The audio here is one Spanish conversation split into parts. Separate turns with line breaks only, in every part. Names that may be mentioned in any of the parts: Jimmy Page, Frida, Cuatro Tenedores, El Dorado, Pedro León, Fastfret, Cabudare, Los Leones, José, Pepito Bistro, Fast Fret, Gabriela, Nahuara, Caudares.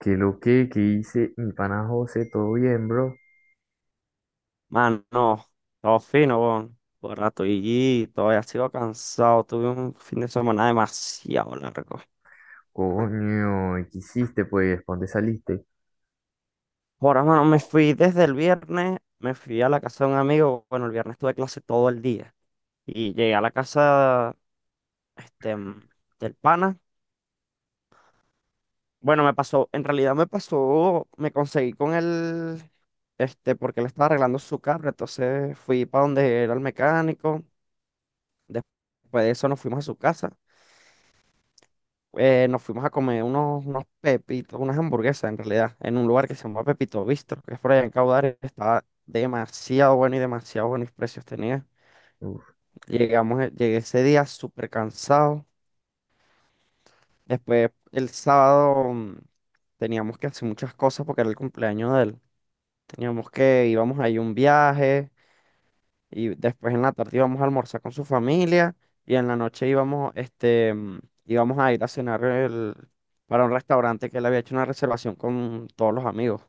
¿Qué lo que hice mi pana José? ¿Todo bien, bro?
Mano, todo fino, weón. Por rato y todavía sigo cansado. Tuve un fin de semana demasiado largo.
Coño, ¿Qué hiciste, pues? ¿Pa' ¿Dónde saliste?
Ahora, mano, me fui desde el viernes, me fui a la casa de un amigo. Bueno, el viernes tuve clase todo el día. Y llegué a la casa, este, mm, del pana. Bueno, me pasó, en realidad me pasó, me conseguí con él porque él estaba arreglando su carro. Entonces fui para donde era el mecánico. Después de eso nos fuimos a su casa. Nos fuimos a comer unos pepitos, unas hamburguesas en realidad, en un lugar que se llama Pepito Bistro, que es por allá en Caudares, estaba demasiado bueno y demasiado buenos precios tenía.
Uf.
Llegué ese día súper cansado. Después el sábado teníamos que hacer muchas cosas porque era el cumpleaños de él. Íbamos ahí a un viaje. Y después en la tarde íbamos a almorzar con su familia y en la noche íbamos a ir a cenar para un restaurante que él había hecho una reservación con todos los amigos.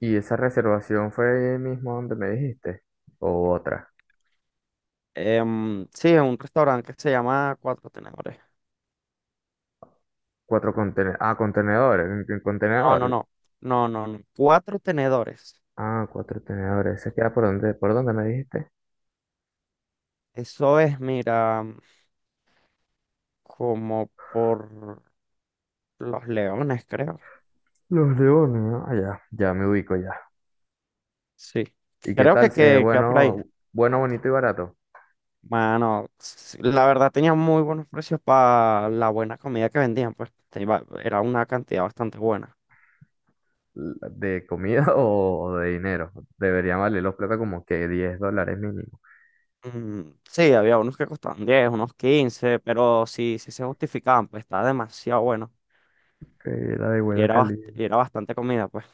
¿Y esa reservación fue mismo donde me dijiste? ¿O otra?
Sí, es un restaurante que se llama Cuatro Tenedores.
Cuatro contenedores. Ah, contenedores. En
No, no,
contenedor.
no, no, no, no. Cuatro Tenedores.
Ah, cuatro contenedores. ¿Se queda por donde me dijiste?
Eso es, mira, como por Los Leones, creo.
Los Leones, ¿no? Ah, ya, ya me ubico ya.
Sí,
¿Y qué
creo que,
tal?
que queda por ahí.
Bueno, bueno, bonito y barato.
Mano, la verdad tenía muy buenos precios para la buena comida que vendían, pues era una cantidad bastante buena.
¿De comida o de dinero? Deberían valer los platos como que $10 mínimo.
Mm, sí, había unos que costaban 10 unos 15 pero sí, sí se justificaban, pues estaba demasiado bueno
Que la de
y
buena
era, bast-
calidad.
y era bastante comida, pues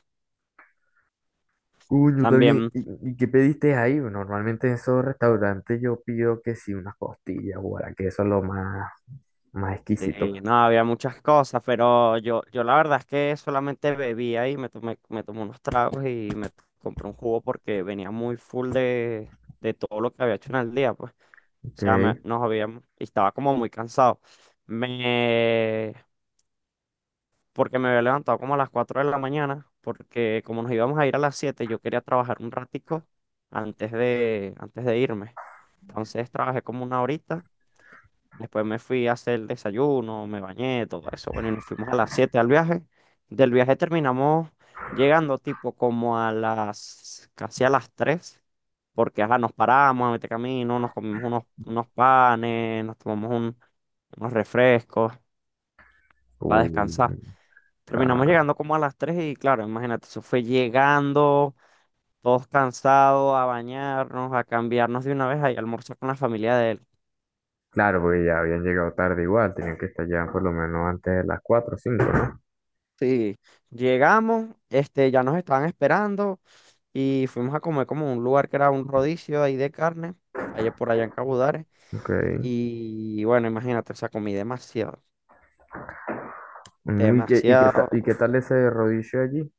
Coño, está bien.
también,
¿Y qué pediste ahí? Normalmente en esos restaurantes yo pido que sí, unas costillas, guara, que eso es lo más exquisito.
sí, no, había muchas cosas, pero yo la verdad es que solamente bebía y me tomé unos tragos y compré un jugo porque venía muy full de todo lo que había hecho en el día, pues. O
Ok.
sea, nos habíamos, y estaba como muy cansado. Me, Porque me había levantado como a las 4 de la mañana, porque como nos íbamos a ir a las 7 yo quería trabajar un ratico antes de irme. Entonces trabajé como una horita. Después me fui a hacer el desayuno, me bañé, todo eso. Bueno, y nos fuimos a las 7 al viaje. Del viaje terminamos llegando tipo como casi a las 3 porque ajá, nos paramos a meter camino, nos comimos unos panes, nos tomamos unos refrescos para
Coño,
descansar. Terminamos
ya.
llegando como a las 3 y claro, imagínate, eso fue llegando, todos cansados, a bañarnos, a cambiarnos de una vez, ahí a almorzar con la familia de él.
Claro, porque ya habían llegado tarde igual, tenían que estar ya por lo menos antes de las 4 o cinco, ¿no?
Sí, llegamos ya nos estaban esperando y fuimos a comer como un lugar que era un rodicio ahí de carne, allá por allá en Cabudare.
Ok.
Y bueno, imagínate, o sea, comí demasiado,
¿Y qué, y qué, ta- y qué
demasiado.
tal ese rodillo allí?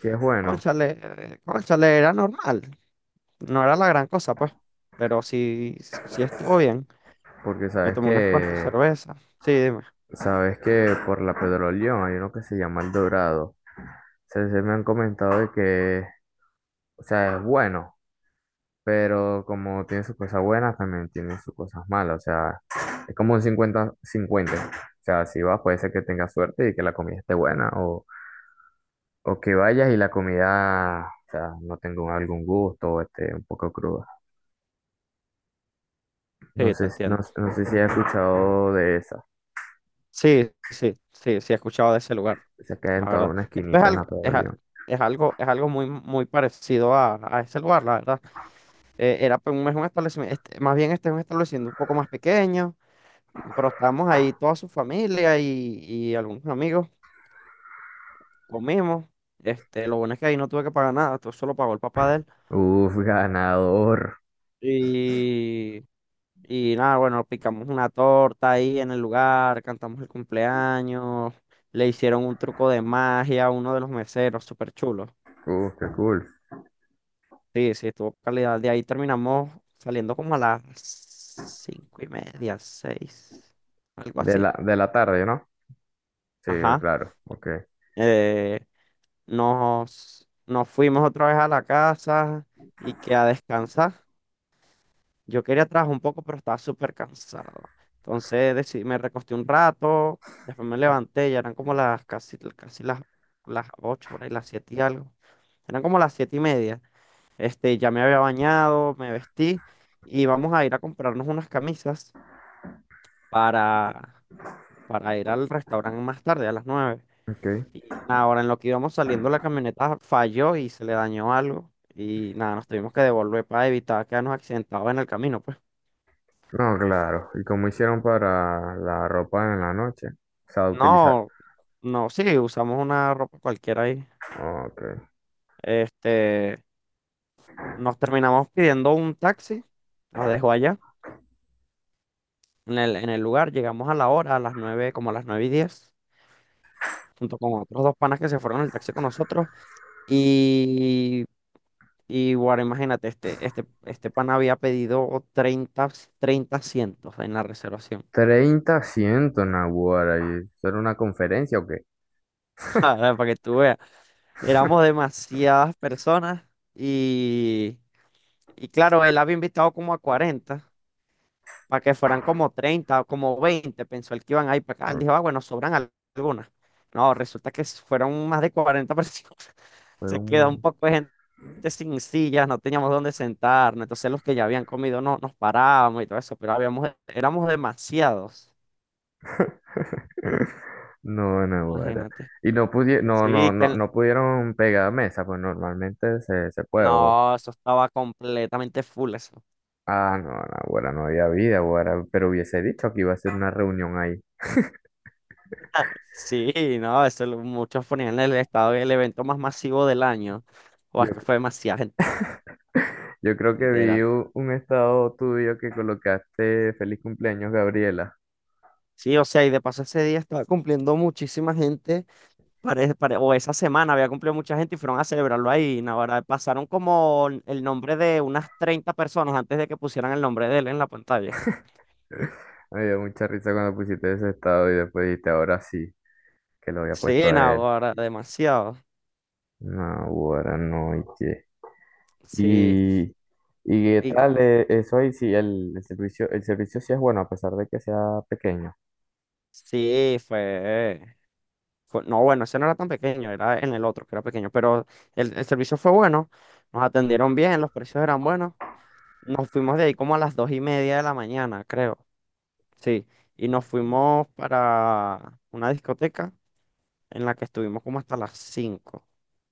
Que es bueno,
Cónchale, cónchale, era normal, no era la gran cosa, pues, pero sí, sí estuvo bien.
porque
Me
sabes
tomé unas cuantas
que
cervezas. Sí, dime.
Sabes que por la Pedro León hay uno que se llama El Dorado. Se me han comentado de que, o sea, es bueno, pero como tiene sus cosas buenas, también tiene sus cosas malas. O sea, es como un 50-50. O sea, si vas, puede ser que tengas suerte y que la comida esté buena, o que vayas y la comida, o sea, no tenga algún gusto o esté un poco cruda. No
Sí, te
sé, no,
entiendo.
no sé si has escuchado de esa.
Sí, sí, sí, sí, he escuchado de ese lugar.
Se queda
La
en toda
verdad.
una
Esto es
esquinita en
algo,
la Pedro
es, a-
León.
es algo, es algo muy, muy parecido a ese lugar, la verdad. Era pues, es un establecimiento, más bien este es un establecimiento un poco más pequeño, pero estábamos ahí toda su familia y algunos amigos, comimos. Lo bueno es que ahí no tuve que pagar nada, todo solo pagó el papá de él.
Uf, ganador.
Y, y nada, bueno, picamos una torta ahí en el lugar, cantamos el cumpleaños, le hicieron un truco de magia a uno de los meseros, súper chulo.
Qué cool.
Sí, sí, estuvo calidad. De ahí terminamos saliendo como a las 5:30, 6, algo así.
De la tarde, ¿no? Sí,
Ajá.
claro. Ok,
Eh, nos fuimos otra vez a la casa y que a descansar. Yo quería trabajar un poco, pero estaba súper cansado. Entonces decidí, me recosté un rato, después me levanté, ya eran como las casi, casi las 8, por ahí, las 7 y algo. Eran como las 7:30. Ya me había bañado, me vestí y vamos a ir a comprarnos unas camisas para, para ir al restaurante más tarde, a las 9.
ok.
Y nada, ahora en lo que íbamos saliendo la camioneta falló y se le dañó algo. Y nada, nos tuvimos que devolver para evitar quedarnos accidentados en el camino, pues.
No, claro. ¿Y cómo hicieron para la ropa en la noche? O sea, utilizar.
No, no, sí, usamos una ropa cualquiera ahí.
Ok.
Este, Nos terminamos pidiendo un taxi, nos dejó allá en el lugar, llegamos a la hora, a las 9 como a las 9:10 junto con otros dos panas que se fueron en el taxi con nosotros. Y, y guarda, imagínate, este pana había pedido 30, 30 asientos en la reservación.
30 asientos, Nahuara. ¿Y eso era una conferencia o qué?
Para que tú veas, éramos demasiadas personas y, y claro, él había invitado como a 40 para que fueran como 30 o como 20 pensó él que iban a ir para acá. Él
Ok.
dijo, ah, bueno, sobran algunas. No, resulta que fueron más de 40 personas.
Fue
Se
un...
quedó
ma-
un poco de gente sin sillas, no teníamos dónde sentarnos. Entonces los que ya habían comido no, nos parábamos y todo eso, pero habíamos, éramos demasiados.
No, Nahuara.
Imagínate.
Y no pudi- no, no,
Sí,
no, no pudieron pegar mesa, pues normalmente se puede, o.
no, eso estaba completamente full eso.
Ah, no, no, ahora no había vida, ahora, pero hubiese dicho que iba a ser una reunión ahí.
Sí, no, muchos ponían el estado el evento más masivo del año. O
Yo,
es que fue demasiada gente,
yo creo que
literal.
vi un estado tuyo que colocaste feliz cumpleaños, Gabriela.
Sí, o sea, y de paso ese día estaba cumpliendo muchísima gente, o esa semana había cumplido mucha gente y fueron a celebrarlo ahí. Naguará, pasaron como el nombre de unas 30 personas antes de que pusieran el nombre de él en la pantalla.
Me dio mucha risa cuando pusiste ese estado y después dijiste ahora sí, que lo había puesto
Sí,
a él.
Naguará, demasiado.
No, ahora no, y qué.
Sí,
Y, y qué
y
tal eso ahí, sí, el servicio sí es bueno, a pesar de que sea pequeño.
sí, no, bueno, ese no era tan pequeño, era en el otro que era pequeño, pero el servicio fue bueno, nos atendieron bien, los precios eran buenos. Nos fuimos de ahí como a las 2:30 de la mañana, creo. Sí, y nos fuimos para una discoteca en la que estuvimos como hasta las 5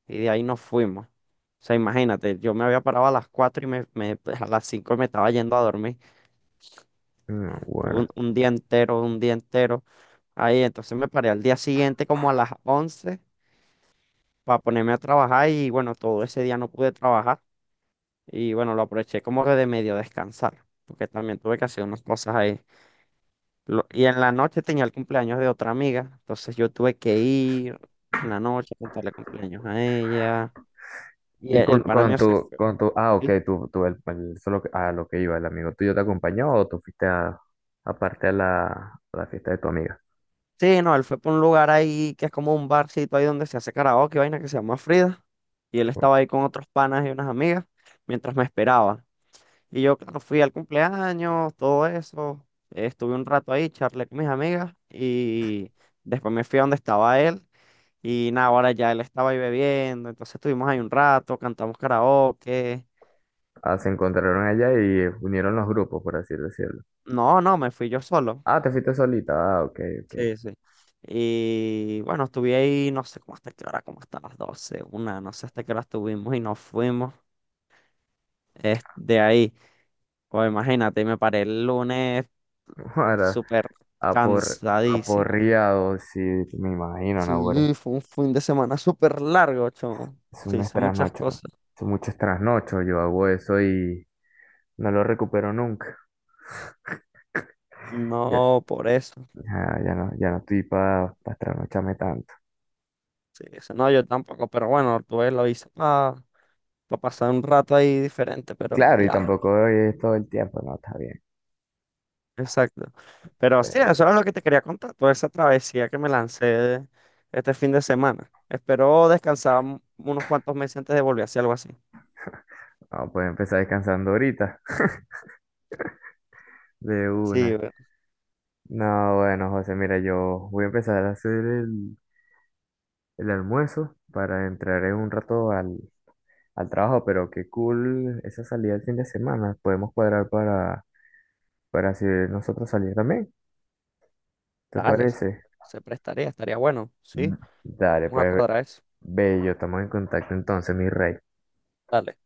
y de ahí nos fuimos. O sea, imagínate, yo me había parado a las 4 y a las 5 me estaba yendo a dormir
No,
un,
bueno.
un día entero, un día entero. Ahí, entonces me paré al día siguiente como a las 11 para ponerme a trabajar y bueno, todo ese día no pude trabajar y bueno, lo aproveché como que de medio descansar, porque también tuve que hacer unas cosas ahí. Y en la noche tenía el cumpleaños de otra amiga, entonces yo tuve que ir en la noche a contarle cumpleaños a ella. Y
Y
el,
con,
el pana
con
mío se
tu,
fue.
con tu, ah, ok,
¿Sí?
tú, a lo que iba, el amigo tuyo te acompañó o tú fuiste a, aparte a la fiesta de tu amiga.
Sí, no, él fue por un lugar ahí que es como un barcito ahí donde se hace karaoke, vaina que se llama Frida. Y él estaba ahí con otros panas y unas amigas mientras me esperaba. Y yo, claro, fui al cumpleaños, todo eso. Estuve un rato ahí, charlé con mis amigas y después me fui a donde estaba él. Y nada, ahora ya él estaba ahí bebiendo, entonces estuvimos ahí un rato, cantamos karaoke.
Ah, se encontraron allá y unieron los grupos, por así decirlo.
No, no, me fui yo solo.
Ah, te fuiste solita, ah, ok, ok.
Sí, sí. Y bueno, estuve ahí, no sé cómo hasta qué hora, como hasta las 12 1, no sé hasta qué hora estuvimos y nos fuimos de ahí. Pues imagínate, me paré el lunes
Ahora,
súper
apor,
cansadísimo.
aporreado, sí, me imagino, Nahuara.
Sí, fue un fin de semana súper largo, chamo.
Es
Sí,
un
hice muchas
trasnocho.
cosas.
Es mucho trasnocho. Yo hago eso y no lo recupero nunca. Ya,
No, por eso.
ya, ya no estoy para trasnocharme tanto.
Sí, eso no, yo tampoco, pero bueno, tuve lo hice, para pasar un rato ahí diferente, pero
Claro, y
diablo,
tampoco es todo el tiempo. No, está bien.
exacto. Pero sí, eso
Pero
era lo que te quería contar, toda esa travesía que me lancé este fin de semana. Espero descansar unos cuantos meses antes de volver a hacer algo así.
No, puedes empezar descansando ahorita. De
Sí,
una.
bueno,
No, bueno, José, mira, yo voy a empezar a hacer el almuerzo para entrar en un rato al trabajo, pero qué cool esa salida el fin de semana. Podemos cuadrar para si nosotros salir también. ¿Te
dale,
parece?
se prestaría, estaría bueno,
Mm,
sí,
dale,
vamos a
pues,
cuadrar eso.
bello, estamos en contacto entonces, mi rey.
Dale.